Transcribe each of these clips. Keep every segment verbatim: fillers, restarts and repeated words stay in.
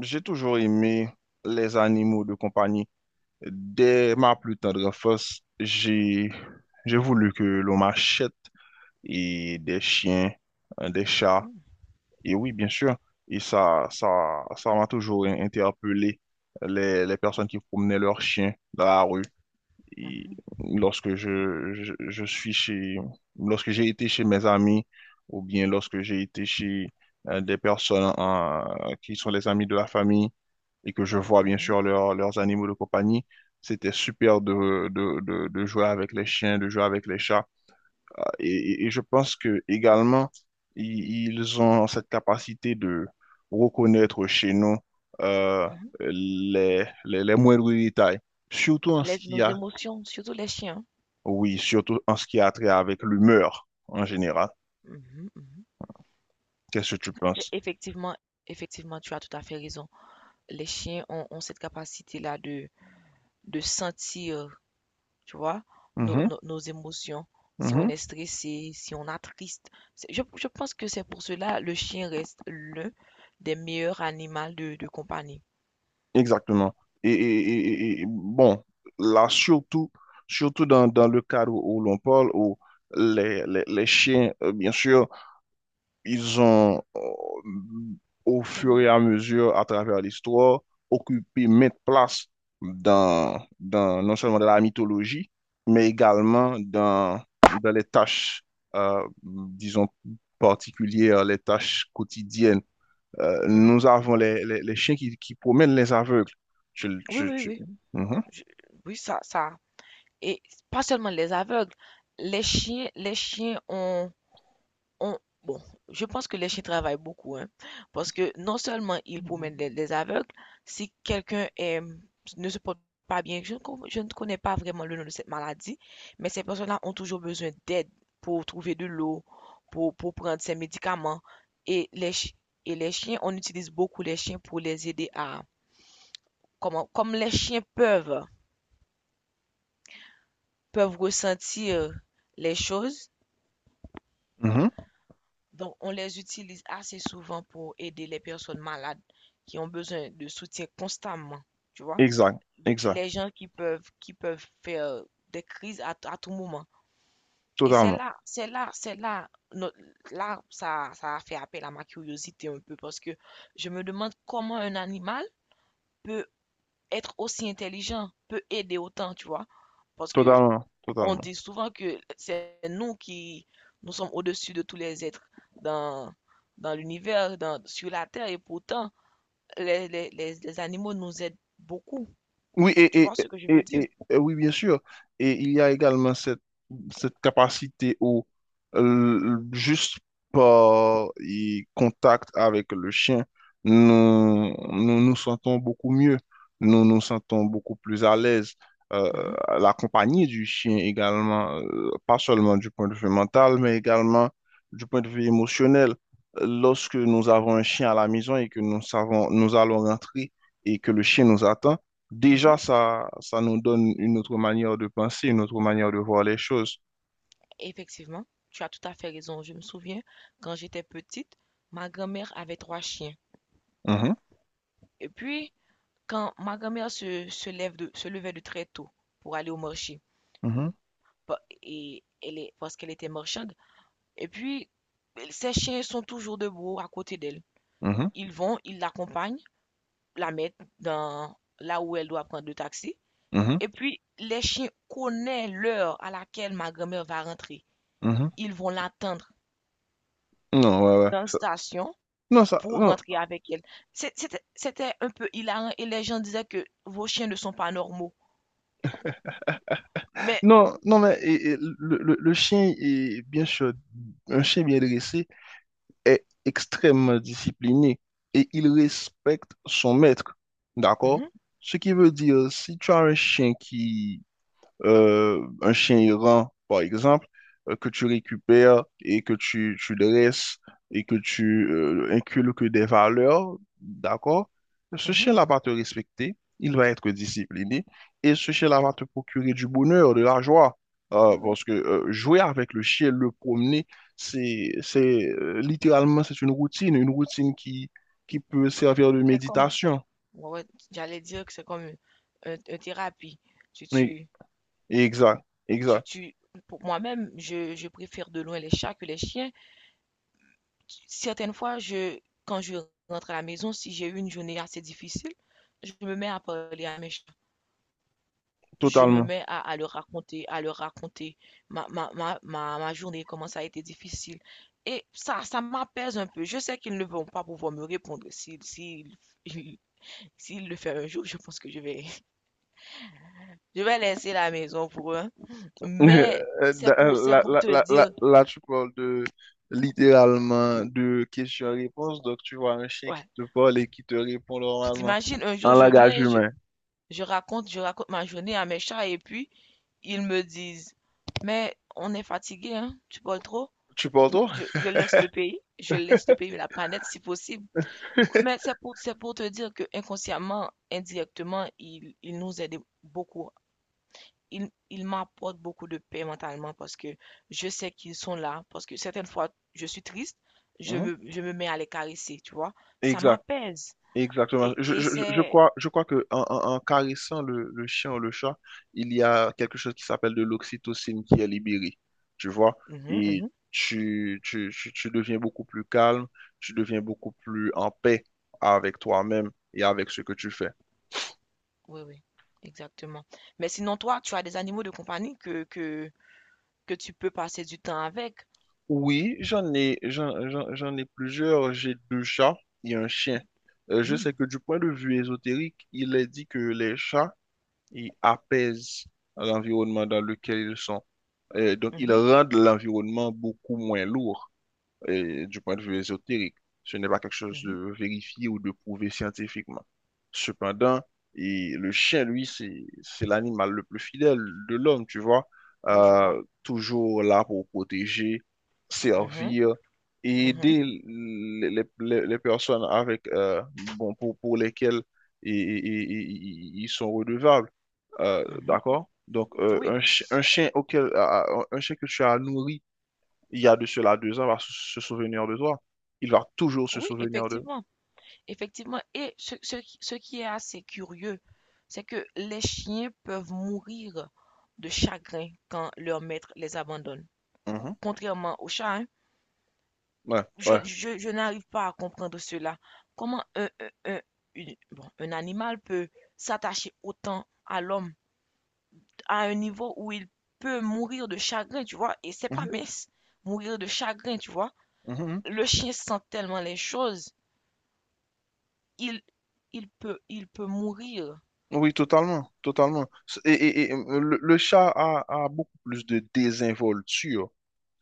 J'ai toujours aimé les animaux de compagnie. Dès ma plus tendre enfance, j'ai j'ai voulu que l'on m'achète et des chiens, euh, des chats, Mmh. et oui, bien sûr. Et ça, ça, ça m'a toujours interpellé les, les personnes qui promenaient leurs chiens dans la rue. Mmh Et mh. lorsque je, je, je suis chez, lorsque j'ai été chez mes amis ou bien lorsque j'ai été chez euh, des personnes euh, qui sont les amis de la famille et que je vois bien Mmh. sûr leurs leurs animaux de compagnie, c'était super de, de, de, de jouer avec les chiens, de jouer avec les chats. Euh, Et, et et je pense que également, i- ils ont cette capacité de reconnaître chez nous euh, Mmh. les, les, les moindres détails surtout en ce Les qui nos a émotions, surtout les chiens. oui, surtout en ce qui a trait avec l'humeur en général. Mmh mh. Mmh. Qu'est-ce que tu C'est penses? effectivement effectivement, tu as tout à fait raison. Les chiens ont ont cette capacité-là de de sentir, tu vois, nos Mhm, nos nos émotions, si on mhm, est stressé, si on a triste. C'est je je pense que c'est pour cela le chien reste l'un des meilleurs animaux de de compagnie. exactement. Et, et- et- et- et, bon, là, surtout, surtout dans, dans le cadre où l'on parle, où les, les, les chiens, euh, bien sûr, ils ont, euh, au Les fur et meilleurs. à mesure, à travers l'histoire, occupé maintes places dans, dans, non seulement dans la mythologie, mais également dans, dans les tâches, euh, disons, particulières, les tâches quotidiennes. Euh, Mmh. Nous avons les, les, les chiens qui, qui promènent les aveugles. Tu- Oui, tu- oui, tu- oui. Mhm, Je Oui, ça ça et pas seulement les aveugles, les chiens les chiens ont On bon, je pense que les chiens travaillent beaucoup, hein, parce que non seulement ils promènent les, les aveugles, si quelqu'un est- ne se porte pas bien, je ne, con- je ne connais pas vraiment le nom de cette maladie, mais ces personnes-là ont toujours besoin d'aide pour trouver de l'eau, pour, pour prendre ces médicaments. Et les, chi- et les chiens, on utilise beaucoup les chiens pour les aider à, comment, comme les chiens peuvent, peuvent ressentir les choses. mhm. Donc, on les utilise assez souvent pour aider les personnes malades qui ont besoin de soutien constamment. Tu vois. Exact, exact, Les- Gens qui peuvent, qui peuvent faire euh, des crises à, à tout moment. Et c'est totalement, là, c'est là, c'est là, no- là, ça, ça a fait appel à ma curiosité un peu parce que je me demande comment un animal peut être aussi intelligent, peut aider autant, tu vois. Parce que totalement, on totalement. dit souvent que c'est nous qui nous sommes au-dessus de tous les êtres dans, dans l'univers, dans, sur la Terre, et pourtant, les, les, les, les animaux nous aident beaucoup. Oui, Tu et, et, vois ce que je veux et, dire? et- et oui, bien sûr. Et il y a également cette, cette capacité où, euh, juste par y- contact avec le chien, nous, nous nous sentons beaucoup mieux, nous nous sentons beaucoup plus à l'aise. Euh, Mhm, la compagnie du chien également, euh, pas seulement du point de vue mental, mais également du point de vue émotionnel. Lorsque nous avons un chien à la maison et que nous savons, nous allons rentrer et que le chien nous attend, mhm. déjà, ça, ça nous donne une autre manière de penser, une autre manière de voir les choses. Effectivement, tu as tout à fait raison. Je me souviens, quand j'étais petite, ma grand-mère avait trois chiens. Mhm, Et puis, quand ma grand-mère se, se lève de, se levait de très tôt pour aller au marché, mhm, pa- et elle est, parce qu'elle était marchande, et puis, ses chiens sont toujours debout à côté d'elle. mhm, Ils vont, ils l'accompagnent, la mettent dans là où elle doit prendre le taxi. mhm, Et puis, les chiens connaissent l'heure à laquelle ma grand-mère va rentrer. mhm. Ils vont l'attendre Non, ouais, ouais. dans la ça- station Non, ça, pour non, rentrer avec elle. C'est- C'était c'était un peu hilarant et les gens disaient que vos chiens ne sont pas normaux. Mais. non, non, mais et- et le, le- le chien est bien sûr, un chien bien dressé est extrêmement discipliné et il respecte son maître. D'accord? Mhm, Ce qui veut dire, si tu as un chien euh, un chien errant, par exemple, euh, que tu récupères et que tu, tu dresses et que tu euh, inculques des valeurs, d'accord? Ce mhm, chien-là va te respecter, il va être discipliné et ce chien-là va te procurer du bonheur, de la joie. Euh, oui, oui. parce que euh, jouer avec le chien, le promener, c'est, c'est euh, littéralement, c'est une routine, une routine qui, qui peut servir de C'est comme, méditation. Ouais, ouais, j'allais dire que c'est comme une, une- une thérapie. Tu, Oui, tu, exact, tu, exact, tu, pour moi-même, je, je préfère de loin les chats que les chiens. Certaines fois, je, quand je rentre à la maison, si j'ai eu une journée assez difficile, je me mets à parler à mes chats. Je me totalement. mets à, à leur raconter, à leur raconter ma, ma, ma, ma, ma journée, comment ça a été difficile. Et ça, ça m'apaise un peu. Je sais qu'ils ne vont pas pouvoir me répondre. S'ils s'ils- s'ils le font un jour, je pense que je vais, je vais laisser la maison pour eux. Hein. Mais Euh, c'est pour, c'est Là, pour là, te là, là- dire, là, tu parles de littéralement de questions-réponses. Donc, tu vois un chien qui ouais, te parle et qui te répond tu normalement t'imagines, un en jour je langage viens, je, humain. je raconte, je raconte ma journée à mes chats et puis ils me disent, mais on est fatigué, hein, tu parles trop. Tu parles Non, toi? je, je laisse le pays, je laisse le pays, la planète si possible. Mais c'est pour, c'est pour te dire que inconsciemment, indirectement, il, il nous aide beaucoup. Il, il m'apporte beaucoup de paix mentalement parce que je sais qu'ils sont là. Parce que certaines fois, je suis triste, je me, je me mets à les caresser, tu vois. Ça Exact. m'apaise. Exactement. Et, Je, et je, je je c'est. crois, je crois que en, en- en- caressant le, le chien ou le chat, il y a quelque chose qui s'appelle de l'oxytocine qui est libérée, tu vois, Mhm, et mhm. tu, tu, tu, tu deviens beaucoup plus calme, tu deviens beaucoup plus en paix avec toi-même et avec ce que tu fais. Oui, oui, exactement. Mais sinon, toi, tu as des animaux de compagnie que, que, que tu peux passer du temps avec. Oui, j'en ai, j'en, j'en, j'en ai plusieurs. J'ai deux chats et un chien. Euh, je sais Mhm, que du point de vue ésotérique, il est dit que les chats ils apaisent l'environnement dans lequel ils sont. Euh, donc, ils mhm, rendent l'environnement beaucoup moins lourd et du point de vue ésotérique. Ce n'est pas quelque chose mhm. de vérifié ou de prouvé scientifiquement. Cependant, et le chien, lui, c'est, c'est l'animal le plus fidèle de l'homme, tu vois. Oui, je vois. Euh, toujours là pour protéger, Mhm, servir et mhm, aider les, les- les- les personnes avec, euh, bon, pour, pour lesquelles i- i- i- i- ils sont redevables. Euh, mhm. D'accord? Donc, euh, Oui, un, chi- un chien auquel, à- à- un chien que tu as nourri, il y a de cela deux ans, va se se souvenir de toi. Il va toujours se oui, souvenir de. effectivement. Effectivement. Et ce, ce qui ce qui est assez curieux, c'est que les chiens peuvent mourir de chagrin quand leur maître les abandonne. Mhm. Contrairement aux chats, hein. Ouais, Je, ouais. je- je n'arrive pas à comprendre cela. Comment un, un- un- une- bon, un animal peut s'attacher autant à l'homme à un niveau où il peut mourir de chagrin, tu vois. Et c'est pas Mhm, mince, mourir de chagrin, tu vois. mhm, mhm. Le chien sent tellement les choses, il, il peut, il peut mourir. Oui, totalement, totalement. S- Et, et- et, euh, le, le chat a, a beaucoup plus de désinvolture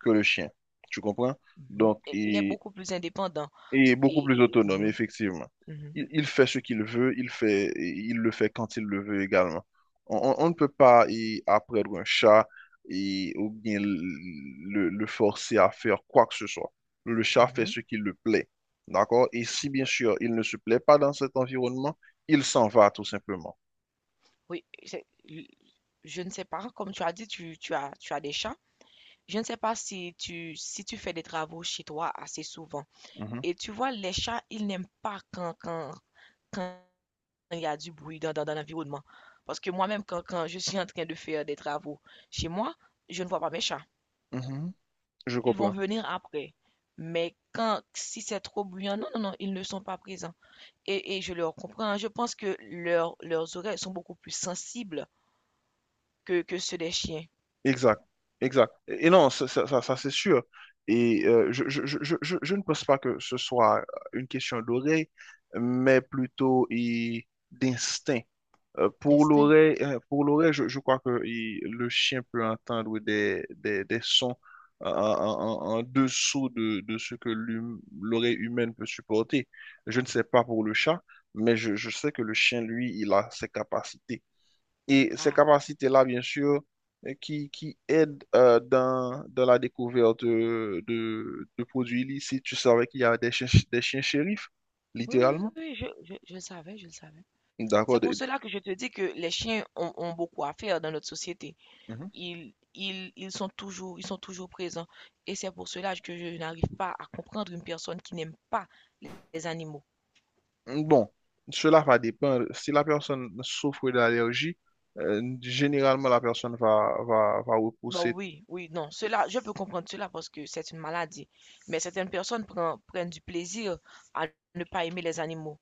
que le chien, tu comprends? Mhm. Donc, Et il est beaucoup plus indépendant. et beaucoup plus Et, et- autonome, Mhm, effectivement. mhm, Il, il fait ce qu'il veut, il fait, et il le fait quand il le veut également. On, on- on ne peut pas y apprendre un chat et, ou bien le, le forcer à faire quoi que ce soit. Le chat fait mhm. ce qu'il le plaît. D'accord? Et si, bien Ouais. sûr, il ne se plaît pas dans cet environnement, il s'en va tout simplement. Oui, c'est- je ne sais pas, comme tu as dit, tu, tu as, tu as des chats. Je ne sais pas si tu, si tu fais des travaux chez toi assez souvent. Mhm, Et tu vois, les chats, ils n'aiment pas quand, quand, quand il y a du bruit dans, dans- dans l'environnement. Parce que moi-même, quand, quand je suis en train de faire des travaux chez moi, je ne vois pas mes chats. mhm, je Ils vont comprends. venir après. Mais quand, si c'est trop bruyant, non, non, non, ils ne sont pas présents. Et, et je leur comprends. Hein. Je pense que leurs leurs oreilles sont beaucoup plus sensibles que, que ceux des chiens. Exact, exact. Et et non, ça, ça, ça- ça, c'est sûr. Et euh, je, je, je, je, je- je ne pense pas que ce soit euh, une question d'oreille, mais plutôt et, d'instinct. Euh, pour Destin. L'oreille, euh, pour l'oreille, je, je crois que il- le chien peut entendre des, des, des sons en, en- en- en dessous de, de ce que l'hum- l'oreille humaine peut supporter. Je ne sais pas pour le chat, mais je, je sais que le chien, lui, il a ses capacités. Et ces Ah, capacités-là, bien sûr, euh, qui, qui aident euh, dans, dans la découverte de, de, de produits illicites. Tu savais qu'il y a des chiens, des chiens shérifs, oui, oui, littéralement. oui, je, je, je le savais, je le savais. D'accord. C'est pour des- cela que je te dis que les chiens ont, ont beaucoup à faire dans notre société. Ils, ils, ils sont toujours, ils sont toujours présents. Et c'est pour cela que je n'arrive pas à comprendre une personne qui n'aime pas les, animaux. Mhm. Bon, cela va dépendre. Si la personne souffre d'allergie, euh, généralement, la personne va, va, va Bah repousser. oui, oui, non, cela, je peux comprendre cela parce que c'est une maladie. Mais certaines personnes prennent, prennent du plaisir à ne pas aimer les animaux.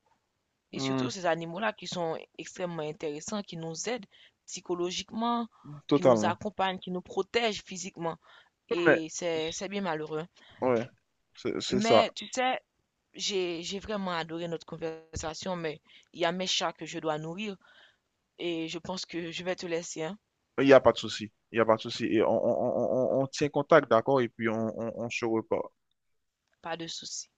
Et Hmm, surtout ces animaux-là qui sont extrêmement intéressants, qui nous aident psychologiquement, qui nous totalement. accompagnent, qui nous protègent physiquement. Mais, Et c'est, c'est bien malheureux. ouais, c'est c'est ça. Mais tu sais, J'ai, j'ai vraiment adoré notre conversation, mais il y a mes chats que je dois nourrir et je pense que je vais te laisser, hein. Il n'y a pas de souci. Il n'y a pas de souci. Et on, on- on- on- on tient contact, d'accord? Et puis, on, on on se reparle. Pas de souci.